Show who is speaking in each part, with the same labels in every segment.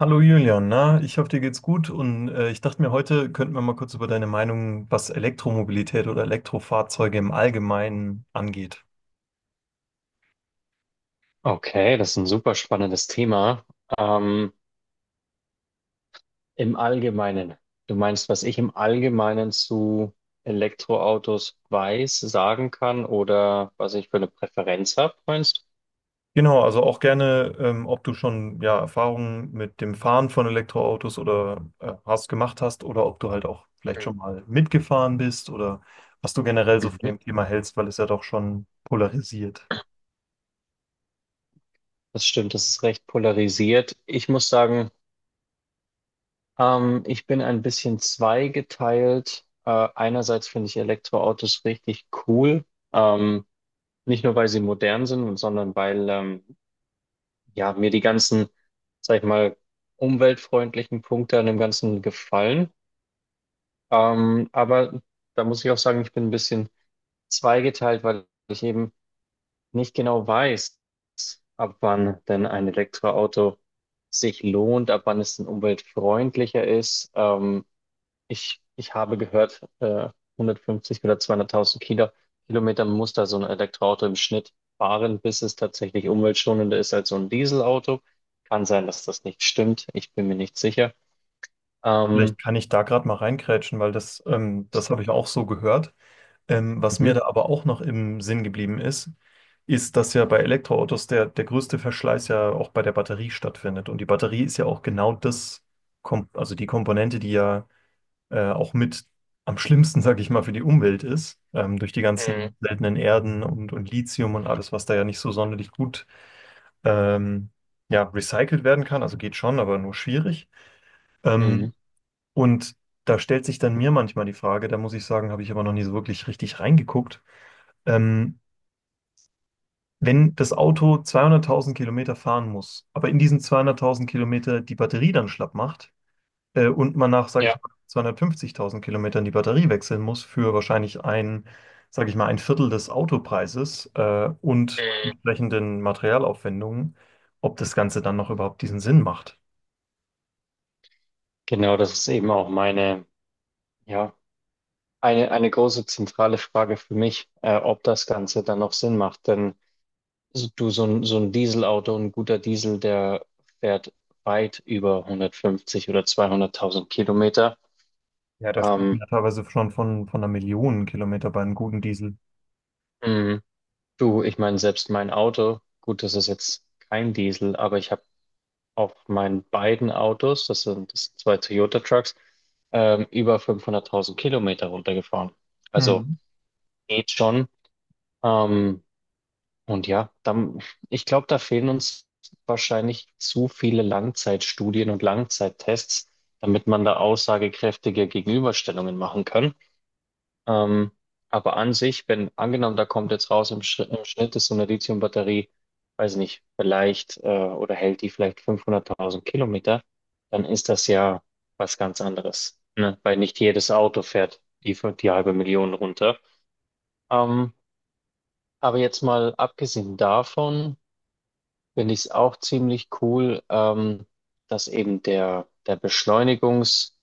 Speaker 1: Hallo Julian, na, ich hoffe, dir geht's gut und ich dachte mir, heute könnten wir mal kurz über deine Meinung, was Elektromobilität oder Elektrofahrzeuge im Allgemeinen angeht.
Speaker 2: Okay, das ist ein super spannendes Thema. Ähm, Im Allgemeinen, du meinst, was ich im Allgemeinen zu Elektroautos weiß, sagen kann oder was ich für eine Präferenz habe, meinst
Speaker 1: Genau, also auch gerne, ob du schon ja, Erfahrungen mit dem Fahren von Elektroautos oder hast gemacht hast oder ob du halt auch vielleicht
Speaker 2: du?
Speaker 1: schon mal mitgefahren bist oder was du generell so von
Speaker 2: Mhm.
Speaker 1: dem Thema hältst, weil es ja doch schon polarisiert.
Speaker 2: Das stimmt, das ist recht polarisiert. Ich muss sagen, ich bin ein bisschen zweigeteilt. Einerseits finde ich Elektroautos richtig cool, ähm, nicht nur weil sie modern sind, sondern weil ja, mir die ganzen, sag ich mal, umweltfreundlichen Punkte an dem Ganzen gefallen. Aber da muss ich auch sagen, ich bin ein bisschen zweigeteilt, weil ich eben nicht genau weiß, ab wann denn ein Elektroauto sich lohnt, ab wann es denn umweltfreundlicher ist. Ich habe gehört, 150 oder 200.000 Kilometer muss da so ein Elektroauto im Schnitt fahren, bis es tatsächlich umweltschonender ist als so ein Dieselauto. Kann sein, dass das nicht stimmt. Ich bin mir nicht sicher. Ähm,
Speaker 1: Vielleicht kann ich da gerade mal reingrätschen, weil das habe ich auch so gehört. Was mir
Speaker 2: mhm.
Speaker 1: da aber auch noch im Sinn geblieben ist, ist, dass ja bei Elektroautos der größte Verschleiß ja auch bei der Batterie stattfindet. Und die Batterie ist ja auch genau das, Kom also die Komponente, die ja auch mit am schlimmsten, sage ich mal, für die Umwelt ist, durch die
Speaker 2: Mhm.
Speaker 1: ganzen seltenen Erden und Lithium und alles, was da ja nicht so sonderlich gut ähm, ja, recycelt werden kann. Also geht schon, aber nur schwierig. Ähm,
Speaker 2: Mhm.
Speaker 1: und da stellt sich dann mir manchmal die Frage, da muss ich sagen, habe ich aber noch nie so wirklich richtig reingeguckt. Ähm, Wenn das Auto 200.000 Kilometer fahren muss, aber in diesen 200.000 Kilometer die Batterie dann schlapp macht und man nach, sage ich
Speaker 2: Ja.
Speaker 1: mal, 250.000 Kilometern die Batterie wechseln muss für wahrscheinlich ein, sage ich mal, ein Viertel des Autopreises und
Speaker 2: Mhm.
Speaker 1: entsprechenden Materialaufwendungen, ob das Ganze dann noch überhaupt diesen Sinn macht.
Speaker 2: Genau, das ist eben auch meine, ja, eine große zentrale Frage für mich, ob das Ganze dann noch Sinn macht. Denn Du, so ein Dieselauto, ein guter Diesel, der fährt weit über 150 oder 200.000 Kilometer.
Speaker 1: Ja, da spricht man
Speaker 2: Ähm,
Speaker 1: ja teilweise schon von 1 Million Kilometer bei einem guten Diesel.
Speaker 2: mh, Du, ich meine, selbst mein Auto, gut, das ist jetzt kein Diesel, aber ich habe auf meinen beiden Autos, das sind zwei Toyota Trucks, über 500.000 Kilometer runtergefahren. Also
Speaker 1: Hm.
Speaker 2: geht schon. Ähm, Und ja, dann, ich glaube, da fehlen uns wahrscheinlich zu viele Langzeitstudien und Langzeittests, damit man da aussagekräftige Gegenüberstellungen machen kann. Ähm, aber an sich, wenn angenommen, da kommt jetzt raus, im Schnitt ist so eine Lithiumbatterie, weiß nicht, vielleicht oder hält die vielleicht 500.000 Kilometer, dann ist das ja was ganz anderes, ne? Weil nicht jedes Auto fährt die halbe Million runter. Ähm, aber jetzt mal abgesehen davon, finde ich es auch ziemlich cool, dass eben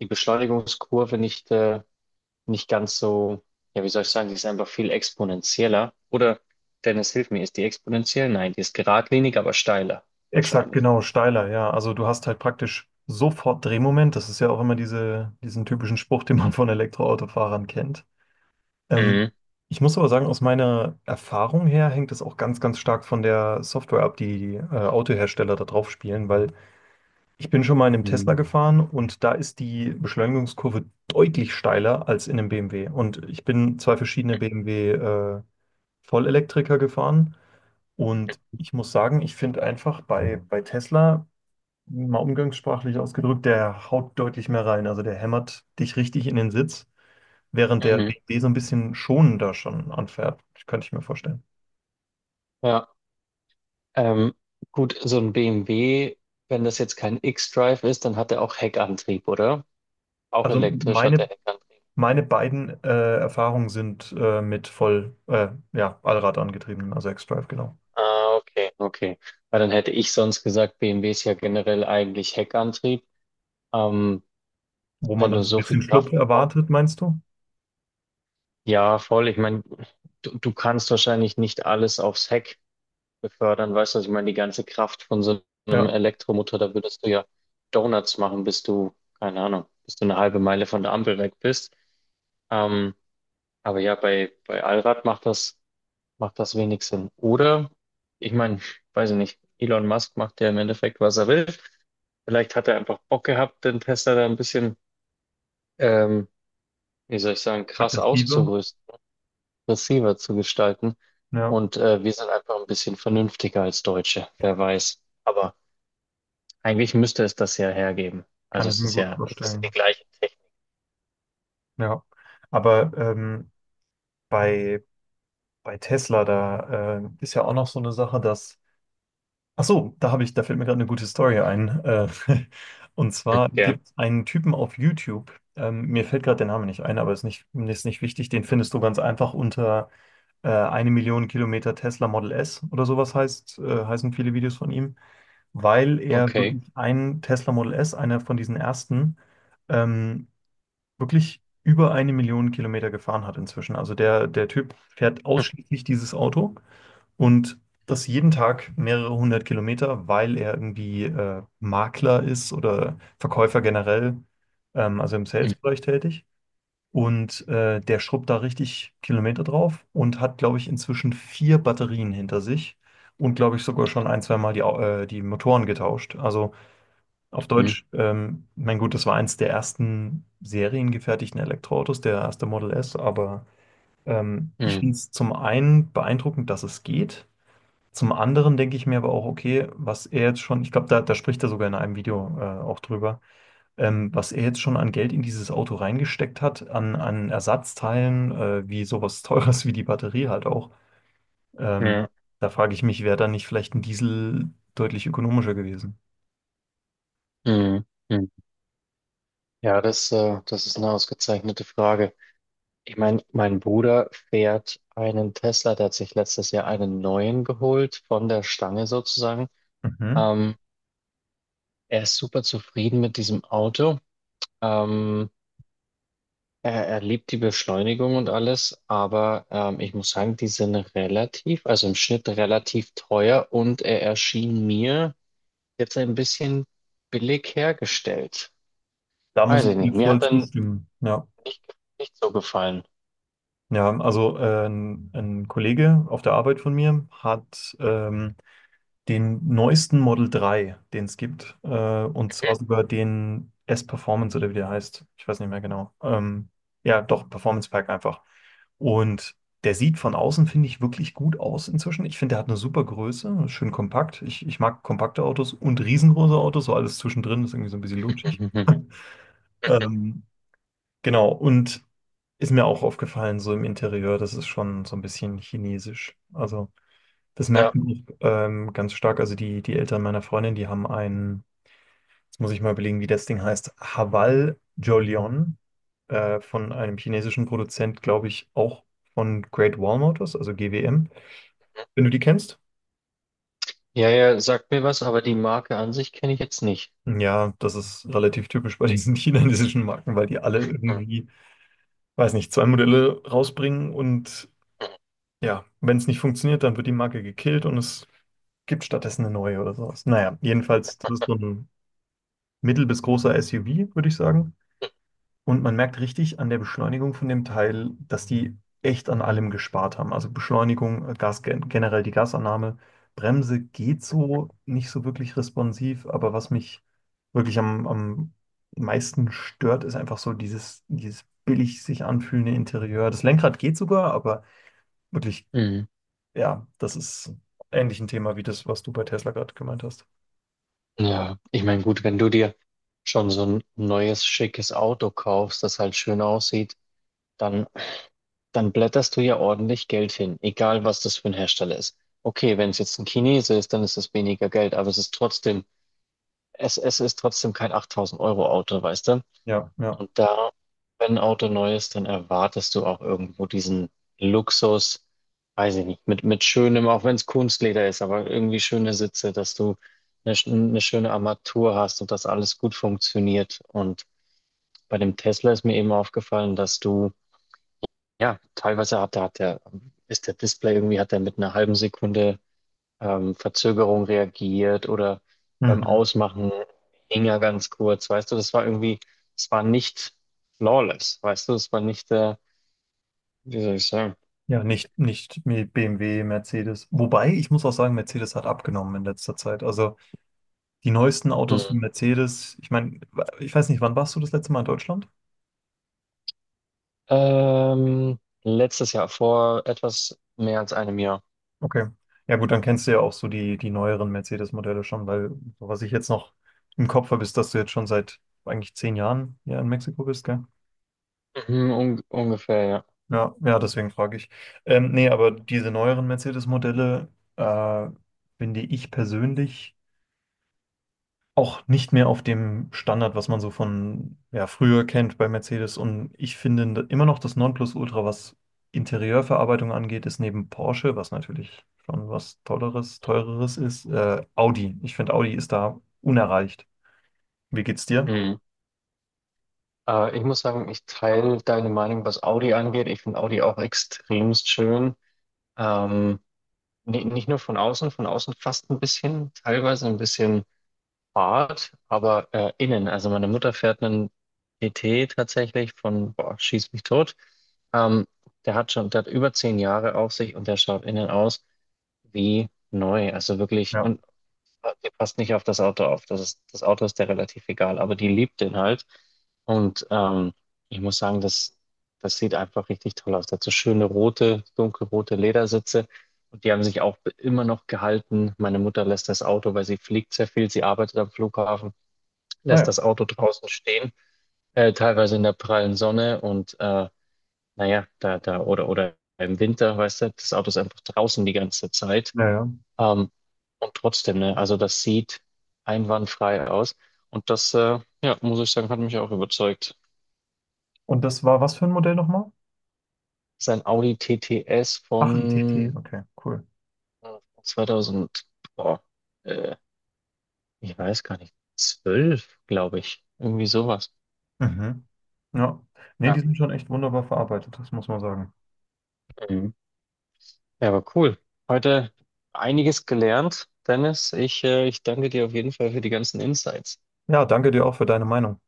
Speaker 2: die Beschleunigungskurve nicht ganz so, ja, wie soll ich sagen, die ist einfach viel exponentieller. Oder, Dennis, hilf mir, ist die exponentiell? Nein, die ist geradlinig, aber steiler,
Speaker 1: Exakt,
Speaker 2: wahrscheinlich.
Speaker 1: genau, steiler, ja. Also du hast halt praktisch sofort Drehmoment. Das ist ja auch immer diese, diesen typischen Spruch, den man von Elektroautofahrern kennt. Ähm,
Speaker 2: Mhm.
Speaker 1: Ich muss aber sagen, aus meiner Erfahrung her hängt es auch ganz, ganz stark von der Software ab, die Autohersteller da drauf spielen, weil ich bin schon mal in einem Tesla
Speaker 2: Mhm.
Speaker 1: gefahren und da ist die Beschleunigungskurve deutlich steiler als in einem BMW. Und ich bin zwei verschiedene BMW Vollelektriker gefahren und ich muss sagen, ich finde einfach bei Tesla mal umgangssprachlich ausgedrückt, der haut deutlich mehr rein. Also der hämmert dich richtig in den Sitz, während der
Speaker 2: Mhm.
Speaker 1: BMW so ein bisschen schonender schon anfährt. Könnte ich mir vorstellen.
Speaker 2: Ja, ähm, gut, so ein BMW, wenn das jetzt kein X-Drive ist, dann hat er auch Heckantrieb, oder? Auch
Speaker 1: Also
Speaker 2: elektrisch hat er
Speaker 1: meine,
Speaker 2: Heckantrieb.
Speaker 1: meine beiden Erfahrungen sind mit voll, ja, Allrad angetriebenen, also X-Drive, genau.
Speaker 2: Ah, okay, okay. Weil dann hätte ich sonst gesagt, BMW ist ja generell eigentlich Heckantrieb. Ähm,
Speaker 1: Wo man
Speaker 2: Wenn du
Speaker 1: dann so ein
Speaker 2: so viel
Speaker 1: bisschen
Speaker 2: Kraft,
Speaker 1: Schlupf erwartet, meinst du?
Speaker 2: ja, voll. Ich meine, du kannst wahrscheinlich nicht alles aufs Heck befördern, weißt du? Was ich meine, die ganze Kraft von so einem
Speaker 1: Ja,
Speaker 2: Elektromotor, da würdest du ja Donuts machen, keine Ahnung, bis du eine halbe Meile von der Ampel weg bist. Ähm, aber ja, bei Allrad macht das wenig Sinn. Oder, ich meine, weiß ich nicht, Elon Musk macht ja im Endeffekt, was er will. Vielleicht hat er einfach Bock gehabt, den Tesla da ein bisschen, ähm, wie soll ich sagen, krass
Speaker 1: aggressive.
Speaker 2: auszurüsten, aggressiver zu gestalten.
Speaker 1: Ja,
Speaker 2: Und wir sind einfach ein bisschen vernünftiger als Deutsche, wer weiß. Aber eigentlich müsste es das ja hergeben.
Speaker 1: kann
Speaker 2: Also
Speaker 1: ich
Speaker 2: es
Speaker 1: mir
Speaker 2: ist
Speaker 1: gut
Speaker 2: ja, es ist ja die
Speaker 1: vorstellen.
Speaker 2: gleiche Technik,
Speaker 1: Ja, aber bei, bei Tesla, da ist ja auch noch so eine Sache, dass Ach so, da habe ich, da fällt mir gerade eine gute Story ein. Und zwar
Speaker 2: ja.
Speaker 1: gibt es einen Typen auf YouTube. Mir fällt gerade der Name nicht ein, aber ist nicht wichtig. Den findest du ganz einfach unter 1 Million Kilometer Tesla Model S oder sowas heißt, heißen viele Videos von ihm, weil er
Speaker 2: Okay.
Speaker 1: wirklich einen Tesla Model S, einer von diesen ersten, ähm, wirklich über 1 Million Kilometer gefahren hat inzwischen. Also der, der Typ fährt ausschließlich dieses Auto. Und das jeden Tag mehrere hundert Kilometer, weil er irgendwie Makler ist oder Verkäufer generell, also im Sales-Bereich tätig. Und der schrubbt da richtig Kilometer drauf und hat, glaube ich, inzwischen vier Batterien hinter sich und, glaube ich, sogar schon ein, zwei Mal die Motoren getauscht. Also auf
Speaker 2: Mhm.
Speaker 1: Deutsch, mein Gut, das war eins der ersten seriengefertigten Elektroautos, der erste Model S, aber ich
Speaker 2: Mhm.
Speaker 1: finde es zum einen beeindruckend, dass es geht. Zum anderen denke ich mir aber auch, okay, was er jetzt schon, ich glaube, da spricht er sogar in einem Video auch drüber, was er jetzt schon an Geld in dieses Auto reingesteckt hat, an Ersatzteilen, wie sowas Teures wie die Batterie halt auch. Ähm,
Speaker 2: Ja.
Speaker 1: Da frage ich mich, wäre da nicht vielleicht ein Diesel deutlich ökonomischer gewesen?
Speaker 2: Mhm. Mhm. Ja, das ist eine ausgezeichnete Frage. Ich meine, mein Bruder fährt einen Tesla, der hat sich letztes Jahr einen neuen geholt, von der Stange sozusagen.
Speaker 1: Mhm.
Speaker 2: Ähm, Er ist super zufrieden mit diesem Auto. Ähm, er liebt die Beschleunigung und alles, aber ich muss sagen, die sind relativ, also im Schnitt relativ teuer und er erschien mir jetzt ein bisschen billig hergestellt.
Speaker 1: Da muss
Speaker 2: Weiß ich
Speaker 1: ich dir
Speaker 2: nicht, mir
Speaker 1: voll
Speaker 2: hat er
Speaker 1: zustimmen. Ja,
Speaker 2: nicht so gefallen.
Speaker 1: ja, also ein Kollege auf der Arbeit von mir hat den neuesten Model 3, den es gibt. Und zwar sogar den S-Performance oder wie der heißt. Ich weiß nicht mehr genau. Ja, doch, Performance Pack einfach. Und der sieht von außen, finde ich, wirklich gut aus inzwischen. Ich finde, der hat eine super Größe, schön kompakt. Ich mag kompakte Autos und riesengroße Autos, so alles zwischendrin ist irgendwie so ein bisschen lutschig.
Speaker 2: Mhm.
Speaker 1: Ähm, genau, und ist mir auch aufgefallen, so im Interieur, das ist schon so ein bisschen chinesisch. Also das
Speaker 2: Ja.
Speaker 1: merkt man auch ganz stark. Also die Eltern meiner Freundin, die haben einen, jetzt muss ich mal überlegen, wie das Ding heißt, Hawal Jolion von einem chinesischen Produzent, glaube ich, auch von Great Wall Motors, also GWM, wenn du die kennst.
Speaker 2: Ja, ja, sagt mir was, aber die Marke an sich kenne ich jetzt nicht.
Speaker 1: Ja, das ist relativ typisch bei diesen chinesischen Marken, weil die alle irgendwie, weiß nicht, zwei Modelle rausbringen und ja, wenn es nicht funktioniert, dann wird die Marke gekillt und es gibt stattdessen eine neue oder sowas. Naja, jedenfalls, das ist so ein mittel bis großer SUV, würde ich sagen. Und man merkt richtig an der Beschleunigung von dem Teil, dass die echt an allem gespart haben. Also Beschleunigung, generell die Gasannahme. Bremse geht so nicht so wirklich responsiv, aber was mich wirklich am meisten stört, ist einfach so dieses billig sich anfühlende Interieur. Das Lenkrad geht sogar, aber wirklich,
Speaker 2: Mhm.
Speaker 1: ja, das ist ähnlich ein Thema wie das, was du bei Tesla gerade gemeint hast.
Speaker 2: Ja, ich meine, gut, wenn du dir schon so ein neues, schickes Auto kaufst, das halt schön aussieht, dann, dann blätterst du ja ordentlich Geld hin, egal was das für ein Hersteller ist. Okay, wenn es jetzt ein Chinese ist, dann ist es weniger Geld, aber es ist trotzdem, es ist trotzdem kein 8.000 € Auto, weißt du?
Speaker 1: Ja, ja.
Speaker 2: Und da, wenn ein Auto neu ist, dann erwartest du auch irgendwo diesen Luxus, weiß ich nicht, mit schönem, auch wenn es Kunstleder ist, aber irgendwie schöne Sitze, dass du eine schöne Armatur hast und dass alles gut funktioniert. Und bei dem Tesla ist mir eben aufgefallen, dass du, ja, teilweise hat, da hat der, ist der Display irgendwie, hat er mit einer halben Sekunde Verzögerung reagiert oder beim
Speaker 1: Mhm.
Speaker 2: Ausmachen hing er ganz kurz, weißt du, das war irgendwie, es war nicht flawless, weißt du, es war nicht, wie soll ich sagen,
Speaker 1: Ja, nicht mit BMW, Mercedes. Wobei, ich muss auch sagen, Mercedes hat abgenommen in letzter Zeit. Also die neuesten Autos von
Speaker 2: hm.
Speaker 1: Mercedes, ich meine, ich weiß nicht, wann warst du das letzte Mal in Deutschland?
Speaker 2: Letztes Jahr, vor etwas mehr als einem Jahr,
Speaker 1: Okay. Ja gut, dann kennst du ja auch so die neueren Mercedes-Modelle schon, weil so was ich jetzt noch im Kopf habe, ist, dass du jetzt schon seit eigentlich 10 Jahren ja in Mexiko bist, gell?
Speaker 2: mhm, un ungefähr, ja.
Speaker 1: Ja, ja, deswegen frage ich. Nee, aber diese neueren Mercedes-Modelle äh, finde ich persönlich auch nicht mehr auf dem Standard, was man so von ja, früher kennt bei Mercedes. Und ich finde immer noch das Nonplusultra, was Interieurverarbeitung angeht, ist neben Porsche, was natürlich schon was Tolleres, Teureres ist, Audi. Ich finde, Audi ist da unerreicht. Wie geht's dir?
Speaker 2: Mhm. Ich muss sagen, ich teile deine Meinung, was Audi angeht. Ich finde Audi auch extremst schön. Ähm, Nicht nur von außen fast ein bisschen, teilweise ein bisschen Fahrt, aber innen. Also meine Mutter fährt einen PT tatsächlich von, boah, schieß mich tot. Ähm, der hat über 10 Jahre auf sich und der schaut innen aus wie neu. Also wirklich,
Speaker 1: Ja.
Speaker 2: und die passt nicht auf das Auto auf. Das Auto ist der relativ egal, aber die liebt den halt. Und ich muss sagen, das sieht einfach richtig toll aus. Dazu schöne rote, dunkelrote Ledersitze. Und die haben sich auch immer noch gehalten. Meine Mutter lässt das Auto, weil sie fliegt sehr viel, sie arbeitet am Flughafen,
Speaker 1: Ah
Speaker 2: lässt
Speaker 1: ja.
Speaker 2: das Auto draußen stehen, teilweise in der prallen Sonne und naja, da, oder im Winter, weißt du, das Auto ist einfach draußen die ganze Zeit.
Speaker 1: Ja, ja.
Speaker 2: Ähm, und trotzdem, ne, also das sieht einwandfrei aus. Und das, ja, muss ich sagen, hat mich auch überzeugt.
Speaker 1: Und das war was für ein Modell nochmal?
Speaker 2: Sein Audi TTS
Speaker 1: Ach, ein TT.
Speaker 2: von
Speaker 1: Okay, cool.
Speaker 2: äh, 2000, boah, äh, ich weiß gar nicht, 12, glaube ich. Irgendwie sowas.
Speaker 1: Mhm. Ja. Nee,
Speaker 2: Ja,
Speaker 1: die sind schon echt wunderbar verarbeitet, das muss man sagen.
Speaker 2: ähm, ja, aber cool. Heute einiges gelernt, Dennis. Ich danke dir auf jeden Fall für die ganzen Insights.
Speaker 1: Ja, danke dir auch für deine Meinung.